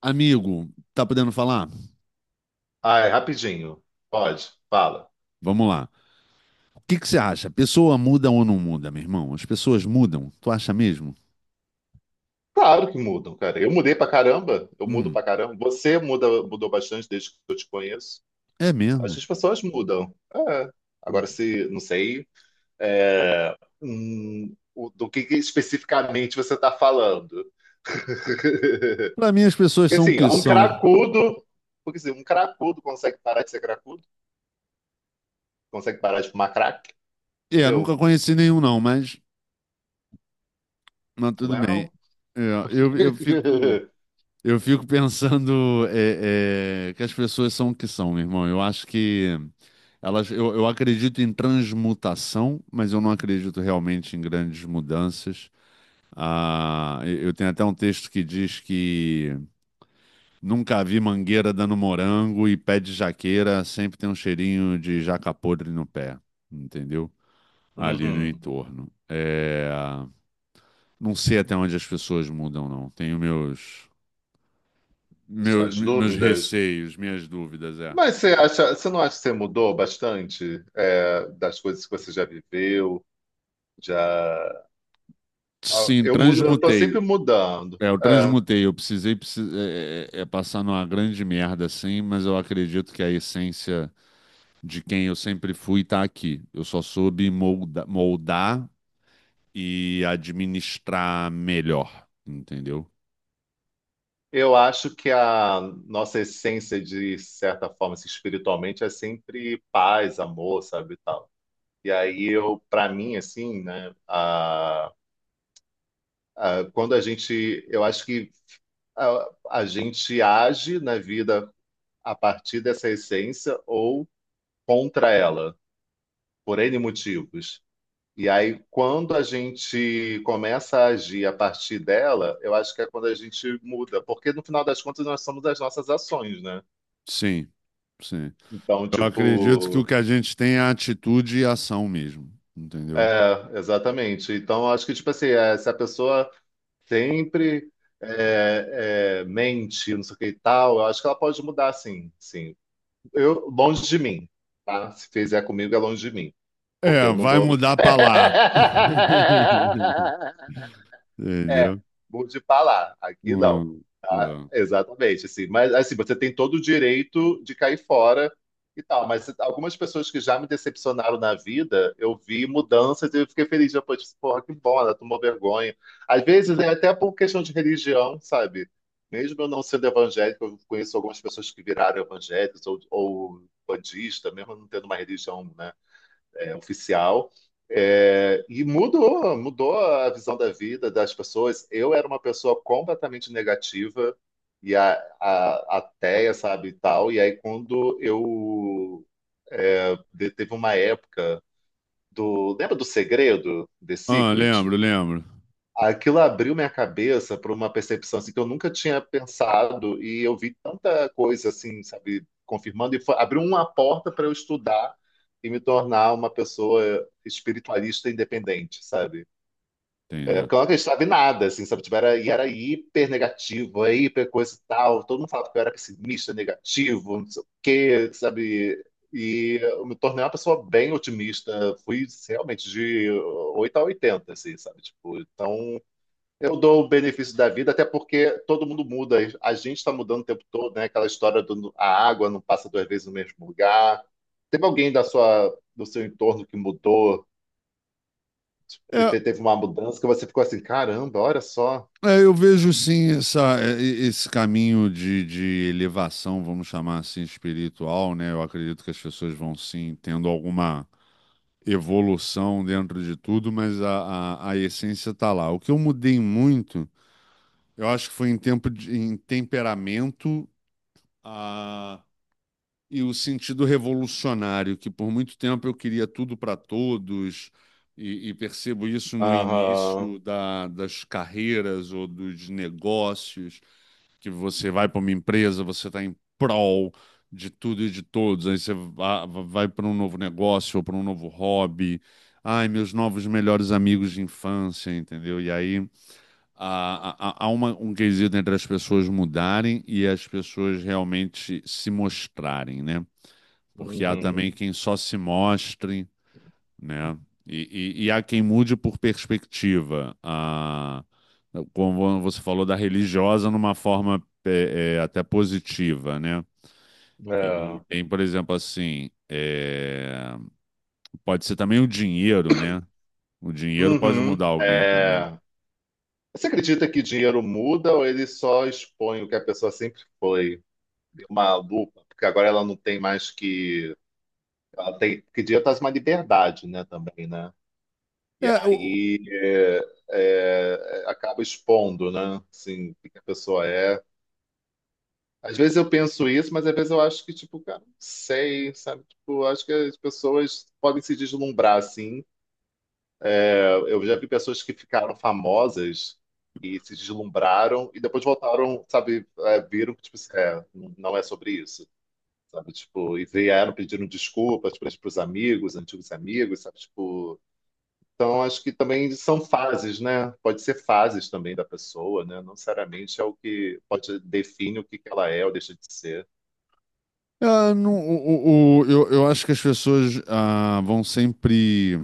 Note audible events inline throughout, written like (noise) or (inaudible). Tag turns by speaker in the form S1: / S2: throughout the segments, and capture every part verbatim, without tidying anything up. S1: Amigo, tá podendo falar?
S2: Ai, rapidinho. Pode, fala.
S1: Vamos lá. O que que você acha? Pessoa muda ou não muda, meu irmão? As pessoas mudam? Tu acha mesmo?
S2: Claro que mudam, cara. Eu mudei pra caramba. Eu mudo
S1: Hum,
S2: pra caramba. Você muda, mudou bastante desde que eu te conheço.
S1: é
S2: Acho
S1: mesmo?
S2: que as pessoas mudam. É. Agora,
S1: Hum.
S2: se, não sei, é, hum, o- do que que especificamente você está falando. (laughs)
S1: Pra mim, as pessoas são o
S2: Assim,
S1: que
S2: um
S1: são.
S2: cracudo, porque assim, um cracudo consegue parar de ser cracudo, consegue parar de fumar crack,
S1: É, nunca
S2: entendeu?
S1: conheci nenhum, não, mas, mas tudo bem.
S2: Well.
S1: É, eu, eu fico,
S2: (laughs)
S1: eu fico pensando é, é, que as pessoas são o que são, meu irmão. Eu acho que elas, eu, eu acredito em transmutação, mas eu não acredito realmente em grandes mudanças. Ah, eu tenho até um texto que diz que nunca vi mangueira dando morango e pé de jaqueira sempre tem um cheirinho de jaca podre no pé, entendeu? Ali no
S2: Uhum.
S1: entorno. É, não sei até onde as pessoas mudam, não. Tenho meus, meus,
S2: Suas
S1: meus
S2: dúvidas?
S1: receios, minhas dúvidas, é.
S2: Mas você acha, você não acha que você mudou bastante, é, das coisas que você já viveu, já... Ah,
S1: Sim,
S2: eu mudo, eu tô
S1: transmutei.
S2: sempre mudando.
S1: É, eu
S2: É,
S1: transmutei. Eu precisei, precis- é, é- é passar numa grande merda, assim, mas eu acredito que a essência de quem eu sempre fui está aqui. Eu só soube molda- moldar e administrar melhor, entendeu?
S2: eu acho que a nossa essência, de certa forma, assim, espiritualmente, é sempre paz, amor, sabe, e tal. E aí eu, para mim, assim, né, a, a- quando a gente, eu acho que a, a gente age na vida a partir dessa essência ou contra ela, por N motivos. E aí, quando a gente começa a agir a partir dela, eu acho que é quando a gente muda, porque no final das contas nós somos as nossas ações, né?
S1: Sim, sim.
S2: Então,
S1: Eu acredito que o
S2: tipo,
S1: que a gente tem é atitude e ação mesmo, entendeu?
S2: é, exatamente. Então, eu acho que, tipo assim, é, se a pessoa sempre é, é, mente, não sei o que e tal, eu acho que ela pode mudar, sim, sim. Eu, longe de mim, tá? Se fizer comigo, é longe de mim, porque
S1: É,
S2: eu não
S1: vai
S2: dou.
S1: mudar para lá. (laughs)
S2: (laughs) É,
S1: Entendeu?
S2: mude pra lá. Aqui não.
S1: Hum,
S2: Tá?
S1: é.
S2: Exatamente, assim. Mas assim, você tem todo o direito de cair fora e tal. Mas algumas pessoas que já me decepcionaram na vida, eu vi mudanças e eu fiquei feliz depois. Disse, porra, que bom, ela tomou vergonha. Às vezes é até por questão de religião, sabe? Mesmo eu não sendo evangélico, eu conheço algumas pessoas que viraram evangélicos ou, ou budista, mesmo não tendo uma religião, né? É, oficial. É, e mudou, mudou a visão da vida das pessoas. Eu era uma pessoa completamente negativa e a, a, ateia, sabe, e tal. E aí quando eu é, de- teve uma época do, lembra do Segredo, The
S1: Ah,
S2: Secret?
S1: lembro, lembro.
S2: Aquilo abriu minha cabeça para uma percepção assim, que eu nunca tinha pensado e eu vi tanta coisa assim, sabe, confirmando e foi- abriu uma porta para eu estudar e me tornar uma pessoa espiritualista independente, sabe? É,
S1: Entendi.
S2: porque eu não acreditava em nada, assim, sabe? Tipo, era, e era hiper negativo, é hiper coisa e tal. Todo mundo falava que eu era pessimista, negativo, não sei o quê, sabe? E eu me tornei uma pessoa bem otimista. Fui realmente de oito a oitenta, assim, sabe? Tipo, então eu dou o benefício da vida, até porque todo mundo muda. A gente está mudando o tempo todo, né? Aquela história do a água não passa duas vezes no mesmo lugar. Teve alguém da sua, do seu entorno que mudou,
S1: É,
S2: teve, teve uma mudança que você ficou assim, caramba, olha só.
S1: é, eu vejo sim essa, é, e- esse caminho de, de elevação, vamos chamar assim, espiritual, né? Eu acredito que as pessoas vão sim tendo alguma evolução dentro de tudo, mas a, a, a essência tá lá. O que eu mudei muito, eu acho que foi em tempo de, em temperamento a, e o sentido revolucionário, que por muito tempo eu queria tudo para todos. E, e percebo isso no
S2: Aham.
S1: início da, das carreiras ou dos negócios que você vai para uma empresa, você está em prol de tudo e de todos, aí você va- vai para um novo negócio ou para um novo hobby. Ai, meus novos melhores amigos de infância, entendeu? E aí há, há- há uma- um quesito entre as pessoas mudarem e as pessoas realmente se mostrarem, né? Porque há também
S2: Uhum.
S1: quem só se mostra, né? E, e, e há quem mude por perspectiva. A, como você falou da religiosa numa forma é, é, até positiva, né? E
S2: É.
S1: e tem, por exemplo, assim, é, pode ser também o dinheiro, né? O dinheiro pode
S2: Uhum.
S1: mudar alguém também.
S2: É. Você acredita que dinheiro muda ou ele só expõe o que a pessoa sempre foi? Deu uma lupa, porque agora ela não tem mais que. Ela tem, porque dinheiro traz uma liberdade, né, também, né? E
S1: É, o,
S2: aí é, é, acaba expondo, né? Assim, o que que a pessoa é. Às vezes eu penso isso, mas às vezes eu acho que, tipo, cara, não sei, sabe? Tipo, eu acho que as pessoas podem se deslumbrar, assim. É, eu já vi pessoas que ficaram famosas e se deslumbraram e depois voltaram, sabe, é, viram que, tipo, assim, é, não é sobre isso, sabe? Tipo, e vieram pedindo desculpas para os amigos, antigos amigos, sabe? Tipo, então, acho que também são fases, né? Pode ser fases também da pessoa, né? Não necessariamente é o que pode define o que que ela é ou deixa de ser.
S1: é, não, o, o- o- eu, eu acho que as pessoas ah, vão sempre.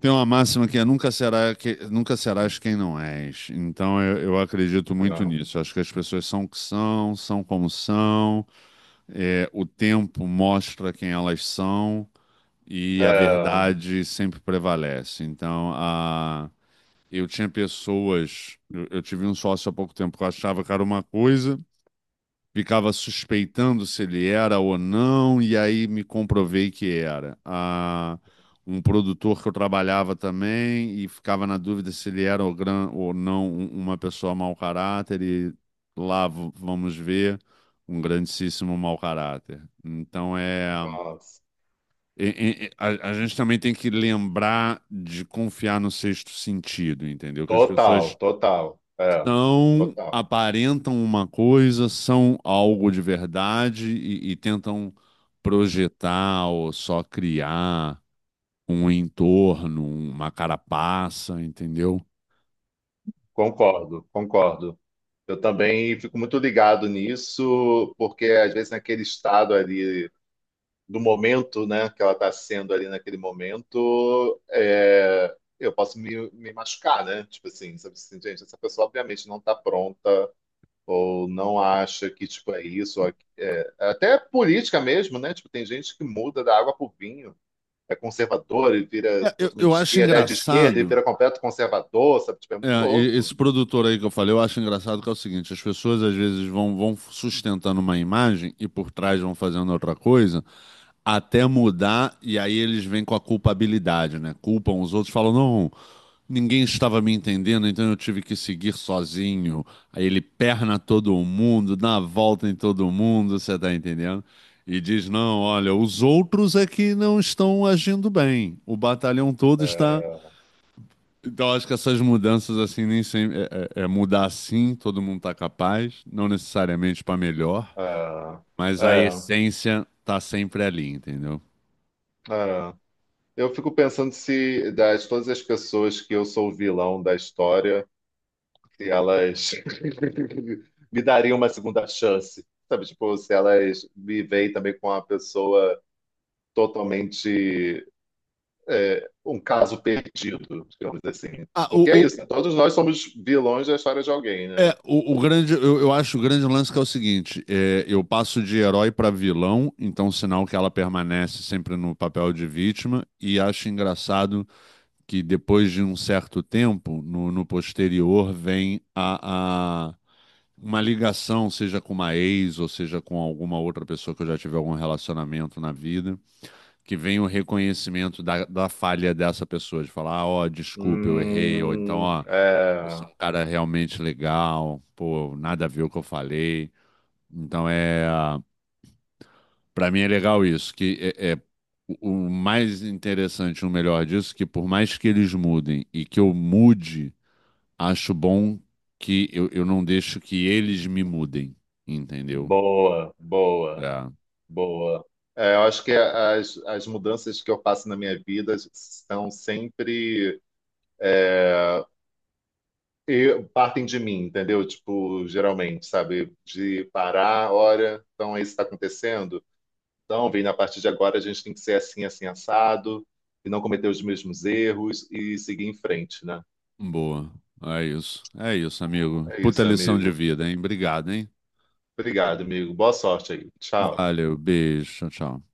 S1: Tem uma máxima que é nunca será que, nunca serás quem não és. Então eu, eu acredito muito nisso. Eu acho que as pessoas são o que são, são como são. É, o tempo mostra quem elas são e
S2: É,
S1: a
S2: é,
S1: verdade sempre prevalece. Então a, eu tinha pessoas, eu, eu tive um sócio há pouco tempo que eu achava que era uma coisa, ficava suspeitando se ele era ou não, e aí me comprovei que era. Ah, um produtor que eu trabalhava também e ficava na dúvida se ele era ou, gran, ou não um- uma pessoa mau caráter, e lá v- vamos ver um grandíssimo mau caráter. Então é.
S2: nossa.
S1: e- e- A, a gente também tem que lembrar de confiar no sexto sentido, entendeu? Que as pessoas
S2: Total, total, é,
S1: são,
S2: total.
S1: aparentam uma coisa, são algo de verdade e, e tentam projetar ou só criar um entorno, uma carapaça, entendeu?
S2: Concordo, concordo. Eu também fico muito ligado nisso, porque às vezes naquele estado ali do momento, né, que ela está sendo ali naquele momento, é, eu posso me, me machucar, né? Tipo assim, sabe assim, gente, essa pessoa obviamente não está pronta ou não acha que tipo é isso, ou aqui- é, até é política mesmo, né? Tipo, tem gente que muda da água pro vinho, é conservador e vira
S1: É, eu,
S2: totalmente
S1: eu
S2: de
S1: acho
S2: esquerda, é de esquerda e
S1: engraçado,
S2: vira completo conservador, sabe? Tipo, é muito
S1: é, e- esse
S2: louco.
S1: produtor aí que eu falei, eu acho engraçado que é o seguinte, as pessoas às vezes vão, vão sustentando uma imagem e por trás vão fazendo outra coisa, até mudar, e aí eles vêm com a culpabilidade, né? Culpam os outros, falam, não, ninguém estava me entendendo, então eu tive que seguir sozinho. Aí ele perna todo mundo, dá a volta em todo mundo, você tá entendendo? E diz, não, olha, os outros é que não estão agindo bem. O batalhão todo está.
S2: É,
S1: Então, acho que essas mudanças, assim, nem sempre. É, é- é mudar assim, todo mundo tá capaz, não necessariamente para melhor,
S2: é,
S1: mas a
S2: é.
S1: essência tá sempre ali, entendeu?
S2: É. Eu fico pensando se das todas as pessoas que eu sou o vilão da história, se elas (laughs) me dariam uma segunda chance, sabe? Tipo, se elas me veem também com uma pessoa totalmente é, um caso perdido, digamos assim.
S1: Ah,
S2: Porque é
S1: o,
S2: isso, né? Todos nós somos vilões da história de alguém, né?
S1: é, o, o grande, eu, eu acho o grande lance que é o seguinte: é, eu passo de herói para vilão, então sinal que ela permanece sempre no papel de vítima, e acho engraçado que depois de um certo tempo, no, no posterior, vem a, a- uma ligação, seja com uma ex, ou seja com alguma outra pessoa que eu já tive algum relacionamento na vida, que vem o reconhecimento da, da falha dessa pessoa, de falar, ah, ó, desculpa, eu errei, ou então,
S2: Hum,
S1: ó, você
S2: é,
S1: é um cara realmente legal, pô, nada a ver o que eu falei. Então é, para mim é legal isso, que é, é o o mais interessante, o melhor disso, que por mais que eles mudem e que eu mude, acho bom que eu, eu não deixo que eles me mudem, entendeu?
S2: boa, boa,
S1: É,
S2: boa. É, eu acho que as, as mudanças que eu faço na minha vida são sempre é, e partem de mim, entendeu? Tipo, geralmente, sabe? De parar, olha, então é isso está acontecendo. Então, Vini, a partir de agora a gente tem que ser assim, assim, assado, e não cometer os mesmos erros e seguir em frente, né?
S1: boa. É isso. É isso, amigo.
S2: É
S1: Puta
S2: isso,
S1: lição de
S2: amigo.
S1: vida, hein? Obrigado, hein?
S2: Obrigado, amigo. Boa sorte aí. Tchau.
S1: Valeu, beijo, tchau, tchau.